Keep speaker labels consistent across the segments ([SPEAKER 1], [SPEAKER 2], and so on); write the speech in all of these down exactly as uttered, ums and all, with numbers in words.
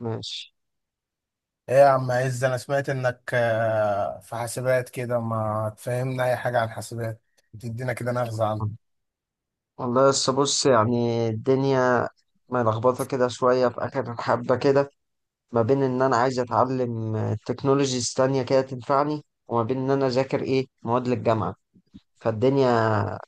[SPEAKER 1] ماشي.
[SPEAKER 2] ايه يا عم عز، انا سمعت انك آه، في حاسبات كده، ما تفهمنا اي حاجه عن حاسبات، تدينا كده نغزه عنها.
[SPEAKER 1] والله لسه بص، يعني الدنيا ملخبطة كده شوية في آخر حبة كده، ما بين إن أنا عايز أتعلم تكنولوجيز تانية كده تنفعني، وما بين إن أنا أذاكر إيه مواد للجامعة. فالدنيا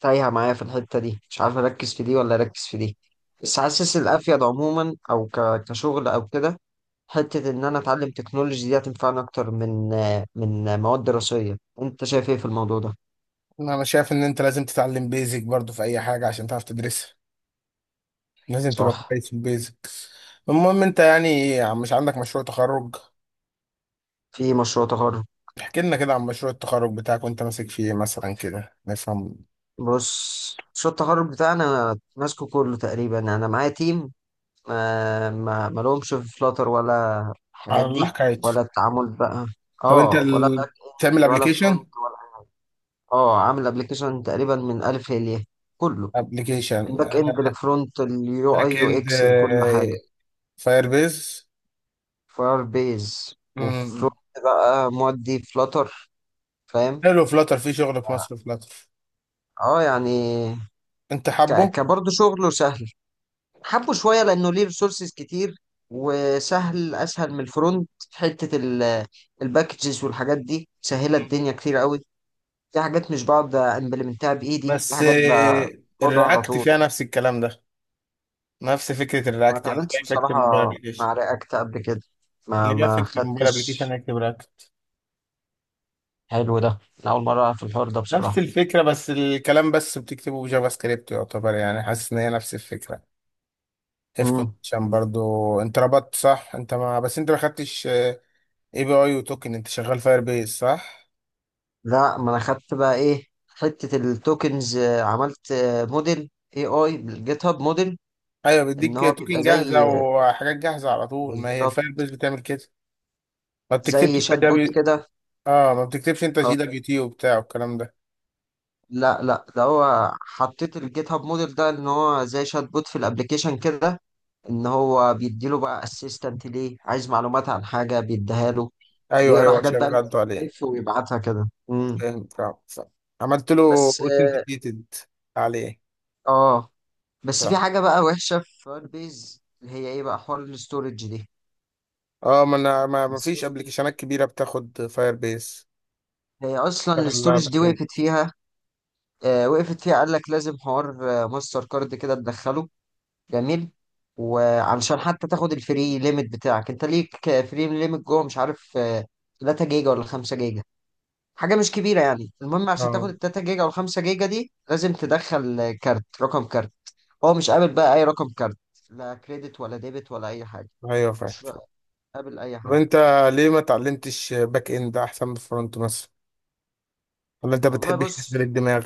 [SPEAKER 1] تايهة معايا في الحتة دي، مش عارف أركز في دي ولا أركز في دي. بس حاسس الأفيد عموما أو ك- كشغل أو كده، حتة إن أنا أتعلم تكنولوجي دي هتنفعني أكتر من من مواد دراسية. أنت شايف إيه في الموضوع ده؟
[SPEAKER 2] ما انا شايف ان انت لازم تتعلم بيزك برضو في اي حاجه عشان تعرف تدرسها، لازم تبقى
[SPEAKER 1] صح.
[SPEAKER 2] كويس في البيزك. المهم انت يعني مش عندك مشروع تخرج؟
[SPEAKER 1] في مشروع تخرج.
[SPEAKER 2] احكي لنا كده عن مشروع التخرج بتاعك وانت ماسك فيه مثلا كده نفهم.
[SPEAKER 1] بص، مشروع التخرج بتاعنا أنا ماسكه كله تقريبا، انا معايا تيم ما ما ما لهمش في فلاتر ولا
[SPEAKER 2] على
[SPEAKER 1] الحاجات
[SPEAKER 2] الله
[SPEAKER 1] دي
[SPEAKER 2] حكايته.
[SPEAKER 1] ولا التعامل بقى.
[SPEAKER 2] طب انت
[SPEAKER 1] اه، ولا باك
[SPEAKER 2] ال... بتعمل
[SPEAKER 1] اند ولا
[SPEAKER 2] ابلكيشن؟
[SPEAKER 1] فرونت ولا. اه، عامل ابلكيشن تقريبا من الف للياء كله، من
[SPEAKER 2] ابلكيشن.
[SPEAKER 1] باك اند لفرونت، اليو اي
[SPEAKER 2] باك
[SPEAKER 1] يو
[SPEAKER 2] اند
[SPEAKER 1] اكس، لكل حاجه.
[SPEAKER 2] فاير بيز.
[SPEAKER 1] فاير بيز وفرونت بقى مودي فلاتر، فاهم.
[SPEAKER 2] حلو، فلاتر في شغل في
[SPEAKER 1] اه.
[SPEAKER 2] مصر، فلاتر.
[SPEAKER 1] آه، يعني
[SPEAKER 2] انت
[SPEAKER 1] ك...
[SPEAKER 2] حابه؟
[SPEAKER 1] كبرضه شغله سهل، حبه شويه لانه ليه ريسورسز كتير، وسهل اسهل من الفرونت في حته ال- الباكجز والحاجات دي، سهله
[SPEAKER 2] مم.
[SPEAKER 1] الدنيا كتير قوي. في حاجات مش بقعد امبلمنتها بايدي، في
[SPEAKER 2] بس
[SPEAKER 1] حاجات
[SPEAKER 2] آه،
[SPEAKER 1] باخدها على
[SPEAKER 2] الرياكت
[SPEAKER 1] طول.
[SPEAKER 2] فيها نفس الكلام ده، نفس فكرة
[SPEAKER 1] ما
[SPEAKER 2] الرياكت، يعني
[SPEAKER 1] اتعاملتش
[SPEAKER 2] كيف اكتب
[SPEAKER 1] بصراحه
[SPEAKER 2] موبايل ابلكيشن؟
[SPEAKER 1] مع رياكت قبل كده،
[SPEAKER 2] اللي
[SPEAKER 1] ما
[SPEAKER 2] بيعرف
[SPEAKER 1] ما
[SPEAKER 2] يكتب موبايل
[SPEAKER 1] خدتش.
[SPEAKER 2] ابلكيشن يكتب رياكت.
[SPEAKER 1] حلو، ده أنا اول مره في الحوار ده
[SPEAKER 2] نفس
[SPEAKER 1] بصراحه.
[SPEAKER 2] الفكرة بس الكلام بس بتكتبه بجافا سكريبت، يعتبر يعني حاسس ان هي نفس الفكرة. اف
[SPEAKER 1] مم.
[SPEAKER 2] كونديشن برضو، انت ربطت صح، انت ما بس انت ما خدتش اي بي اي وتوكن، انت شغال فاير بيز صح؟
[SPEAKER 1] لا، ما انا خدت بقى ايه حته التوكنز، آه، عملت آه، موديل اي اي بالجيت هاب موديل.
[SPEAKER 2] ايوه،
[SPEAKER 1] ان
[SPEAKER 2] بيديك
[SPEAKER 1] هو
[SPEAKER 2] توكن
[SPEAKER 1] بيبقى زي،
[SPEAKER 2] جاهزة وحاجات جاهزة على طول، ما هي
[SPEAKER 1] بالظبط،
[SPEAKER 2] الفاير بيز بتعمل كده، ما بتكتبش
[SPEAKER 1] زي شات
[SPEAKER 2] انت.
[SPEAKER 1] بوت كده.
[SPEAKER 2] اه، ما بتكتبش انت شيدك
[SPEAKER 1] أو
[SPEAKER 2] جي دبليو تي وبتاع والكلام ده.
[SPEAKER 1] لا لا، ده هو حطيت الجيت هاب موديل ده ان هو زي شات بوت في الابليكيشن كده، ان هو بيديله بقى اسيستنت، ليه عايز معلومات عن حاجه بيديها له.
[SPEAKER 2] ايوه
[SPEAKER 1] بيقرا
[SPEAKER 2] ايوه،
[SPEAKER 1] حاجات
[SPEAKER 2] عشان
[SPEAKER 1] بقى من
[SPEAKER 2] غلطوا
[SPEAKER 1] بي دي
[SPEAKER 2] عليه.
[SPEAKER 1] اف ويبعتها كده. امم.
[SPEAKER 2] فاهم فاهم فاهم. عملت له
[SPEAKER 1] بس.
[SPEAKER 2] اوثنتيكيتد عليه.
[SPEAKER 1] اه. بس في
[SPEAKER 2] فاهم.
[SPEAKER 1] حاجه بقى وحشه في فايربيز، اللي هي ايه بقى حوار الاستورج دي.
[SPEAKER 2] اه، ما انا ما ما فيش
[SPEAKER 1] الاستورج
[SPEAKER 2] ابلكيشنات كبيره بتاخد فاير بيس،
[SPEAKER 1] هي اصلا،
[SPEAKER 2] شغل لها
[SPEAKER 1] الاستورج
[SPEAKER 2] باك
[SPEAKER 1] دي
[SPEAKER 2] اند.
[SPEAKER 1] وقفت فيها. آه وقفت فيها، قال لك لازم حوار، آه ماستر كارد كده تدخله. جميل. وعلشان حتى تاخد الفري ليميت بتاعك، انت ليك فري ليميت جوه، مش عارف آه، تلاتة جيجا ولا خمسة جيجا، حاجه مش كبيره يعني. المهم عشان
[SPEAKER 2] اه،
[SPEAKER 1] تاخد ال تلاتة جيجا وال خمسة جيجا دي، لازم تدخل آه، كارت، رقم كارت. هو مش قابل بقى اي رقم كارت، لا كريدت ولا ديبت ولا اي حاجه.
[SPEAKER 2] ايوه، فاهم
[SPEAKER 1] مش
[SPEAKER 2] فاهم.
[SPEAKER 1] قابل اي
[SPEAKER 2] طب
[SPEAKER 1] حاجه.
[SPEAKER 2] انت ليه ما اتعلمتش باك اند احسن من فرونت مثلا؟ ولا انت
[SPEAKER 1] والله
[SPEAKER 2] بتحبش تشغل
[SPEAKER 1] بص،
[SPEAKER 2] الدماغ؟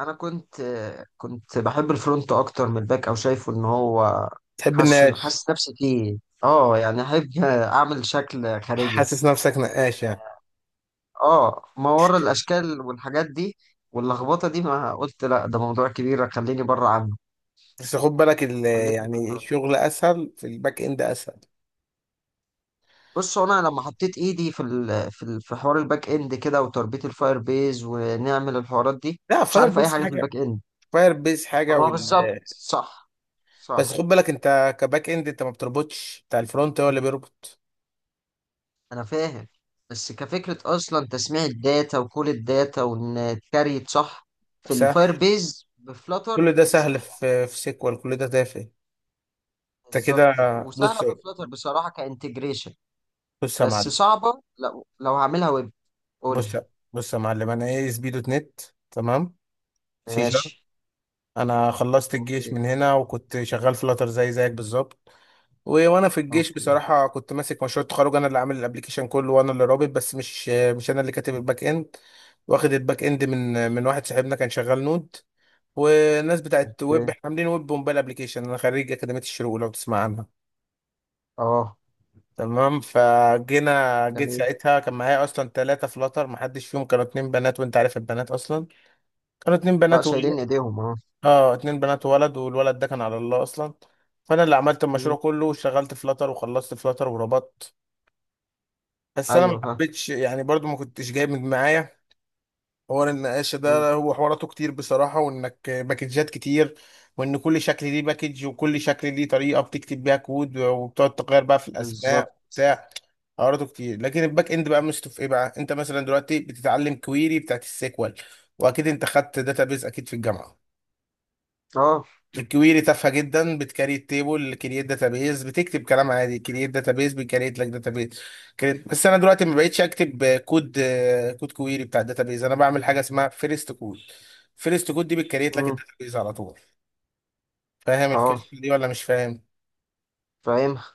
[SPEAKER 1] انا كنت، آه، كنت بحب الفرونت اكتر من الباك، او شايفه ان هو،
[SPEAKER 2] تحب
[SPEAKER 1] حاسس
[SPEAKER 2] النقاش.
[SPEAKER 1] حاسس نفسي فيه. اه، يعني احب آه، اعمل شكل خارجي.
[SPEAKER 2] حاسس نفسك نقاش يعني؟
[SPEAKER 1] اه، ما ورا الاشكال والحاجات دي واللخبطه دي، ما قلت لا ده موضوع كبير خليني بره عنه،
[SPEAKER 2] بس خد بالك ال-
[SPEAKER 1] خلتني في
[SPEAKER 2] يعني
[SPEAKER 1] الفرونت.
[SPEAKER 2] الشغل اسهل، في الباك اند اسهل.
[SPEAKER 1] بص، هو انا لما حطيت ايدي في ال في ال في حوار الباك اند كده، وتربيط الفاير بيز، ونعمل الحوارات دي،
[SPEAKER 2] لا،
[SPEAKER 1] مش
[SPEAKER 2] فاير
[SPEAKER 1] عارف اي
[SPEAKER 2] بيس
[SPEAKER 1] حاجه في
[SPEAKER 2] حاجه،
[SPEAKER 1] الباك اند.
[SPEAKER 2] فاير بيس
[SPEAKER 1] طب
[SPEAKER 2] حاجه
[SPEAKER 1] هو
[SPEAKER 2] وال...
[SPEAKER 1] بالظبط صح.
[SPEAKER 2] بس خد
[SPEAKER 1] صح.
[SPEAKER 2] بالك انت كباك اند انت ما بتربطش، بتاع الفرونت هو اللي بيربط.
[SPEAKER 1] انا فاهم، بس كفكره اصلا تسميع الداتا، وكل الداتا وان اتكريت صح، في
[SPEAKER 2] سهل،
[SPEAKER 1] الفاير بيز
[SPEAKER 2] كل
[SPEAKER 1] بفلتر.
[SPEAKER 2] ده سهل، في في سيكوال كل ده تافه. انت كده،
[SPEAKER 1] بالظبط،
[SPEAKER 2] بص،
[SPEAKER 1] وسهله في فلتر بصراحه كانتجريشن.
[SPEAKER 2] بص يا
[SPEAKER 1] بس
[SPEAKER 2] معلم،
[SPEAKER 1] صعبة لو لو هعملها ويب. قول لي.
[SPEAKER 2] بص بص يا معلم، انا ايه اس بي دوت نت، تمام، سي شارب.
[SPEAKER 1] ماشي.
[SPEAKER 2] انا خلصت الجيش
[SPEAKER 1] اوكي.
[SPEAKER 2] من هنا، وكنت شغال في لاتر زي زيك بالظبط. و- وانا في الجيش
[SPEAKER 1] اوكي.
[SPEAKER 2] بصراحه كنت ماسك مشروع التخرج، انا اللي عامل الابليكيشن كله وانا اللي رابط بس، مش مش انا اللي كاتب الباك اند. واخد الباك اند من من واحد صاحبنا كان شغال نود، والناس بتاعت ويب
[SPEAKER 1] اوكي.
[SPEAKER 2] احنا عاملين ويب وموبايل ابليكيشن. انا خريج اكاديميه الشروق لو تسمع عنها.
[SPEAKER 1] اه.
[SPEAKER 2] تمام، فجينا جيت
[SPEAKER 1] جميل.
[SPEAKER 2] ساعتها، كان معايا اصلا ثلاثه فلاتر ما حدش فيهم، كانوا اتنين بنات، وانت عارف البنات اصلا، كانوا اتنين
[SPEAKER 1] لا،
[SPEAKER 2] بنات
[SPEAKER 1] شايلين
[SPEAKER 2] وولد.
[SPEAKER 1] ايديهم، اه.
[SPEAKER 2] اه، اتنين بنات وولد، والولد ده كان على الله اصلا، فانا اللي عملت المشروع
[SPEAKER 1] مم.
[SPEAKER 2] كله وشغلت فلاتر وخلصت فلاتر وربطت. بس انا ما
[SPEAKER 1] ايوه، ها.
[SPEAKER 2] حبيتش يعني، برضو ما كنتش جايب من معايا حوار النقاشه
[SPEAKER 1] مم.
[SPEAKER 2] ده، هو حواراته كتير بصراحه، وانك باكجات كتير، وان كل شكل ليه باكج وكل شكل ليه طريقه بتكتب بيها كود، وبتقعد تغير بقى في
[SPEAKER 1] بالظبط.
[SPEAKER 2] الاسماء وبتاع، حواراته كتير. لكن الباك اند بقى مشته في ايه بقى، انت مثلا دلوقتي بتتعلم كويري بتاعت السيكوال، واكيد انت خدت داتابيز اكيد في الجامعه.
[SPEAKER 1] اه.
[SPEAKER 2] الكويري تافهه جدا، بتكريت تيبل، كرييت داتابيز، بتكتب كلام عادي كرييت داتابيز، بيكريت لك داتابيز كرييت. بس انا دلوقتي ما بقتش اكتب كود، كود كويري بتاع الداتابيز، انا بعمل حاجه اسمها فيرست كود. فيرست كود دي بتكريت لك
[SPEAKER 1] مم.
[SPEAKER 2] الداتابيز على طول. فاهم الكلمه
[SPEAKER 1] اه،
[SPEAKER 2] دي ولا مش فاهم؟
[SPEAKER 1] فاهمها.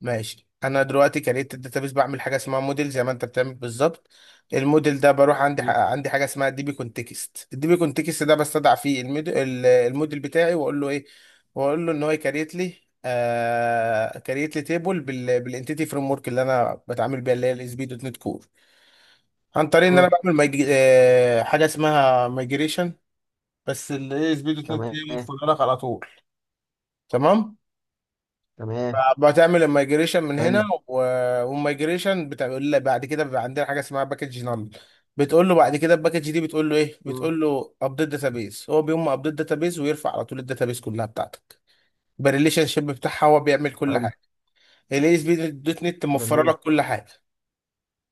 [SPEAKER 2] ماشي. انا دلوقتي كريت الداتابيس، بعمل حاجه اسمها موديل زي ما انت بتعمل بالظبط. الموديل ده بروح عندي، ح-
[SPEAKER 1] مم.
[SPEAKER 2] عندي حاجه اسمها دي بي كونتكست، الدي بي كونتكست ده بستدعى فيه الميد- ال- الموديل بتاعي، واقول له ايه، واقول له ان هو يكريت لي، آه كريت لي تيبل، بال بالانتيتي فريم ورك اللي انا بتعامل بيها، اللي هي الاس بي دوت نت كور، عن طريق ان انا
[SPEAKER 1] مم.
[SPEAKER 2] بعمل ميج... آه حاجه اسمها مايجريشن. بس الاس بي دوت نت
[SPEAKER 1] تمام.
[SPEAKER 2] متفرغ على طول. تمام.
[SPEAKER 1] تمام.
[SPEAKER 2] بتعمل الميجريشن من
[SPEAKER 1] حلو.
[SPEAKER 2] هنا و... والميجريشن بتقول له بعد كده بيبقى عندنا حاجه اسمها باكج نال، بتقول له بعد كده الباكج دي بتقول له ايه،
[SPEAKER 1] مم.
[SPEAKER 2] بتقول له ابديت داتابيس. هو بيقوم ابديت داتابيس ويرفع على طول الداتابيس كلها بتاعتك بالريليشن شيب بتاعها، هو بيعمل كل
[SPEAKER 1] حلو.
[SPEAKER 2] حاجه. الاي اس بي دوت نت موفره
[SPEAKER 1] جميل.
[SPEAKER 2] لك كل حاجه.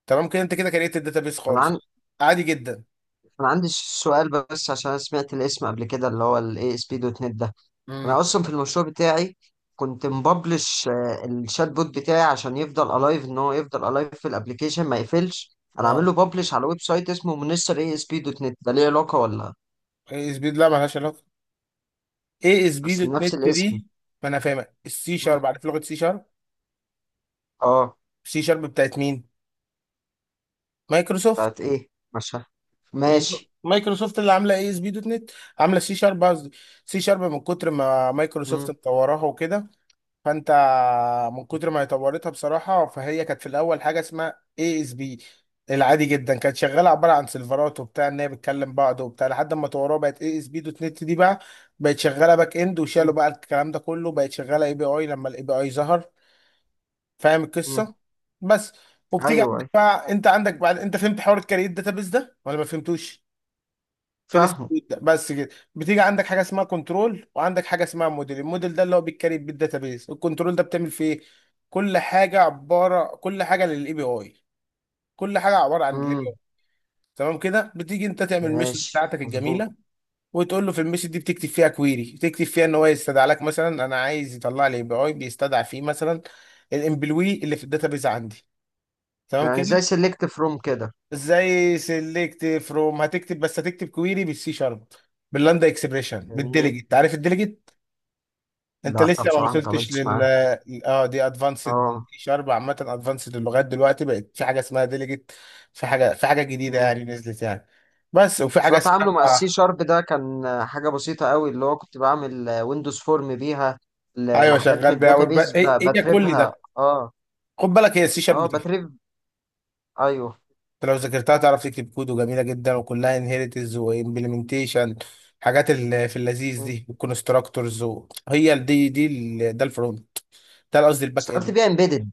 [SPEAKER 2] تمام كده، انت كده كريت الداتابيس
[SPEAKER 1] انا عن...
[SPEAKER 2] خالص، عادي جدا.
[SPEAKER 1] انا عندي سؤال بس، عشان أنا سمعت الاسم قبل كده، اللي هو الاي اس بي دوت نت ده.
[SPEAKER 2] امم.
[SPEAKER 1] انا اصلا في المشروع بتاعي كنت مببلش، آه، الشات بوت بتاعي، عشان يفضل الايف، ان هو يفضل الايف في الابليكيشن ما يقفلش، انا عامل
[SPEAKER 2] اه،
[SPEAKER 1] له ببلش على ويب سايت اسمه منستر اي اس بي دوت نت، ده ليه علاقه ولا؟
[SPEAKER 2] اي اس بي لا مالهاش علاقه، اي اس بي
[SPEAKER 1] اصل
[SPEAKER 2] دوت
[SPEAKER 1] نفس
[SPEAKER 2] نت
[SPEAKER 1] الاسم.
[SPEAKER 2] دي، ما انا فاهمك. السي
[SPEAKER 1] مم.
[SPEAKER 2] شارب، عارف لغه سي شارب؟
[SPEAKER 1] اه.
[SPEAKER 2] سي شارب بتاعت مين؟ مايكروسوفت.
[SPEAKER 1] بتاعت ايه؟ مش فاهم. ماشي.
[SPEAKER 2] مايكروسوفت اللي عامله اي اس بي دوت نت، عامله سي شارب قصدي. سي شارب من كتر ما مايكروسوفت
[SPEAKER 1] مم.
[SPEAKER 2] مطوراها وكده، فانت، من كتر ما هي طورتها بصراحه. فهي كانت في الاول حاجه اسمها اي اس بي العادي جدا، كانت شغاله عباره عن سيرفرات وبتاع، ان هي بتكلم بعض وبتاع، لحد ما طوروها بقت اي اس بي دوت نت دي بقى، بقت شغاله باك اند، وشالوا
[SPEAKER 1] مم.
[SPEAKER 2] بقى الكلام ده كله، بقت شغاله اي بي اي لما الاي بي اي ظهر. فاهم
[SPEAKER 1] مم.
[SPEAKER 2] القصه؟ بس.
[SPEAKER 1] ايوه،
[SPEAKER 2] وبتيجي عندك
[SPEAKER 1] أيوة،
[SPEAKER 2] بقى، انت عندك بعد انت فهمت حوار الكارير داتابيز ده ولا ما فهمتوش؟ فيرست
[SPEAKER 1] فاهمه.
[SPEAKER 2] بيت بس كده. بتيجي عندك حاجه اسمها كنترول، وعندك حاجه اسمها موديل. الموديل ده اللي هو بيتكريت بالداتابيز، الكنترول ده بتعمل فيه ايه؟ كل حاجه عباره كل حاجه للاي بي اي كل حاجه عباره عن الاي بي
[SPEAKER 1] مم.
[SPEAKER 2] اي. تمام كده. بتيجي انت تعمل الميثود
[SPEAKER 1] ماشي،
[SPEAKER 2] بتاعتك
[SPEAKER 1] مظبوط.
[SPEAKER 2] الجميله، وتقول له في الميثود دي بتكتب فيها كويري، تكتب فيها ان هو يستدعى لك مثلا، انا عايز يطلع لي اي بي اي بيستدعى فيه مثلا الامبلوي اللي في الداتابيز عندي. تمام
[SPEAKER 1] يعني
[SPEAKER 2] كده.
[SPEAKER 1] زي سيلكت فروم كده؟
[SPEAKER 2] زي سيلكت فروم، هتكتب بس هتكتب كويري بالسي شارب، باللاندا اكسبريشن،
[SPEAKER 1] يعني إيه؟
[SPEAKER 2] بالديليجيت، عارف الديليجيت؟ انت
[SPEAKER 1] لا
[SPEAKER 2] لسه ما
[SPEAKER 1] بصراحه ما
[SPEAKER 2] وصلتش
[SPEAKER 1] اتعاملتش
[SPEAKER 2] لل.
[SPEAKER 1] معاه.
[SPEAKER 2] اه، دي ادفانسد
[SPEAKER 1] اه.
[SPEAKER 2] سي شارب عامه، ادفانسد. اللغات دلوقتي بقت في حاجه اسمها ديليجيت، في حاجه في حاجه جديده يعني، نزلت يعني، بس. وفي
[SPEAKER 1] بس
[SPEAKER 2] حاجه
[SPEAKER 1] هو
[SPEAKER 2] اسمها،
[SPEAKER 1] تعامله مع السي شارب ده كان حاجة بسيطة قوي، اللي هو كنت بعمل ويندوز فورم بيها ل-
[SPEAKER 2] ايوه،
[SPEAKER 1] لحاجات
[SPEAKER 2] شغال
[SPEAKER 1] من
[SPEAKER 2] بيها، ويب-
[SPEAKER 1] الداتابيز
[SPEAKER 2] هي
[SPEAKER 1] ب-
[SPEAKER 2] هي كل
[SPEAKER 1] بتريفها،
[SPEAKER 2] ده.
[SPEAKER 1] اه.
[SPEAKER 2] خد بالك هي السي
[SPEAKER 1] اه
[SPEAKER 2] شارب،
[SPEAKER 1] بتريف. ايوه.
[SPEAKER 2] انت لو ذاكرتها تعرف تكتب كود، وجميله جدا، وكلها انهيرتنس وامبلمنتيشن، حاجات اللي في اللذيذ
[SPEAKER 1] م.
[SPEAKER 2] دي والكونستراكتورز. هي ال- دي دي ال- ده الفرونت، ده قصدي الباك
[SPEAKER 1] اشتغلت
[SPEAKER 2] اند.
[SPEAKER 1] بيها امبيدد،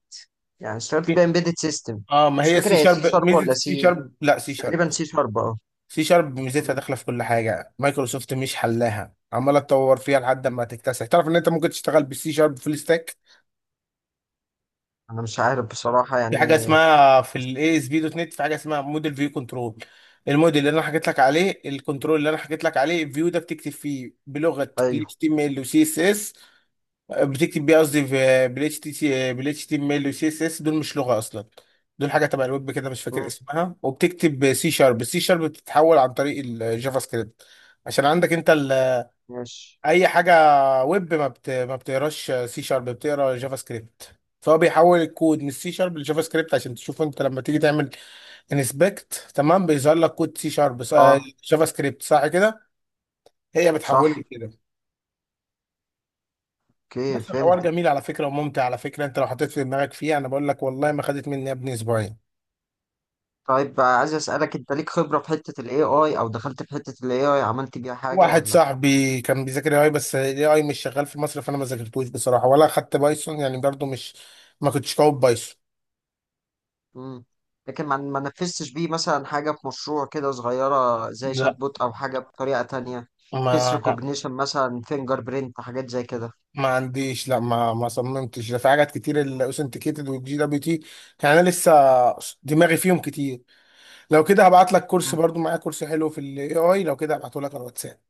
[SPEAKER 1] يعني اشتغلت بيها
[SPEAKER 2] في-
[SPEAKER 1] امبيدد سيستم.
[SPEAKER 2] اه، ما
[SPEAKER 1] مش
[SPEAKER 2] هي
[SPEAKER 1] فاكر
[SPEAKER 2] السي
[SPEAKER 1] هي سي
[SPEAKER 2] شارب،
[SPEAKER 1] شارب
[SPEAKER 2] ميزه
[SPEAKER 1] ولا
[SPEAKER 2] السي
[SPEAKER 1] سي،
[SPEAKER 2] شارب، لا، سي
[SPEAKER 1] بس
[SPEAKER 2] شارب،
[SPEAKER 1] تقريبا سي شارب، اه.
[SPEAKER 2] سي شارب ميزتها
[SPEAKER 1] م.
[SPEAKER 2] داخله في كل حاجه، مايكروسوفت مش حلاها عماله تطور فيها لحد
[SPEAKER 1] م.
[SPEAKER 2] ما تكتسح، تعرف ان انت ممكن تشتغل بالسي شارب فول ستاك.
[SPEAKER 1] انا مش عارف بصراحة
[SPEAKER 2] في حاجه
[SPEAKER 1] يعني.
[SPEAKER 2] اسمها في الاي اس بي دوت نت، في حاجه اسمها موديل فيو كنترول. الموديل اللي انا حكيت لك عليه، الكنترول اللي انا حكيت لك عليه، الفيو ده بتكتب فيه بلغه ال
[SPEAKER 1] ايوه.
[SPEAKER 2] H T M L و سي إس إس، بتكتب بيه قصدي في بال HTML بال إتش تي إم إل و C S S، دول مش لغه اصلا، دول حاجه تبع الويب كده مش فاكر
[SPEAKER 1] م.
[SPEAKER 2] اسمها. وبتكتب سي شارب، السي شارب بتتحول عن طريق الجافا سكريبت عشان عندك انت
[SPEAKER 1] ماشي.
[SPEAKER 2] اي حاجه ويب ما بت... ما بتقراش سي شارب، بتقرا جافا سكريبت. فهو بيحول الكود من السي شارب لجافا سكريبت، عشان تشوف انت لما تيجي تعمل انسبكت، تمام، بيظهر لك كود سي شارب،
[SPEAKER 1] اه.
[SPEAKER 2] جافا سكريبت صح كده، هي بتحوله
[SPEAKER 1] صح.
[SPEAKER 2] كده.
[SPEAKER 1] اوكي،
[SPEAKER 2] بس الحوار
[SPEAKER 1] فهمت.
[SPEAKER 2] جميل على فكره وممتع على فكره، انت لو حطيت في دماغك فيه، انا بقول لك والله ما خدت مني يا ابني اسبوعين.
[SPEAKER 1] طيب عايز اسألك، انت ليك خبرة في حتة الاي اي، او دخلت في حتة الاي اي عملت بيها حاجة
[SPEAKER 2] واحد
[SPEAKER 1] ولا؟
[SPEAKER 2] صاحبي كان بيذاكر اي، بس الاي اي مش شغال في مصر فانا ما ذاكرتوش بصراحه، ولا خدت بايثون يعني برضو مش، ما كنتش قوي بايثون.
[SPEAKER 1] مم. لكن ما ما نفذتش بيه مثلا حاجة في مشروع كده صغيرة، زي
[SPEAKER 2] لا.
[SPEAKER 1] شات بوت أو حاجة بطريقة تانية؟ فيس
[SPEAKER 2] ما لا.
[SPEAKER 1] ريكوجنيشن مثلا، فينجر برينت، حاجات زي كده؟
[SPEAKER 2] ما عنديش، لا، ما ما صممتش ده، في حاجات كتير، الاوثنتيكيتد والجي دبليو تي، يعني انا لسه دماغي فيهم كتير. لو كده هبعت لك كورس،
[SPEAKER 1] مم.
[SPEAKER 2] برضو معايا كورس حلو في الاي اي، لو كده هبعته لك على الواتساب.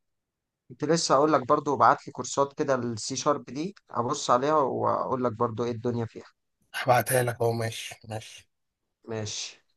[SPEAKER 1] كنت لسه أقول لك برضو بعت لي كورسات كده، السي شارب دي أبص عليها وأقول لك برضو إيه الدنيا فيها.
[SPEAKER 2] هبعتها لك اهو. ماشي ماشي.
[SPEAKER 1] ماشي.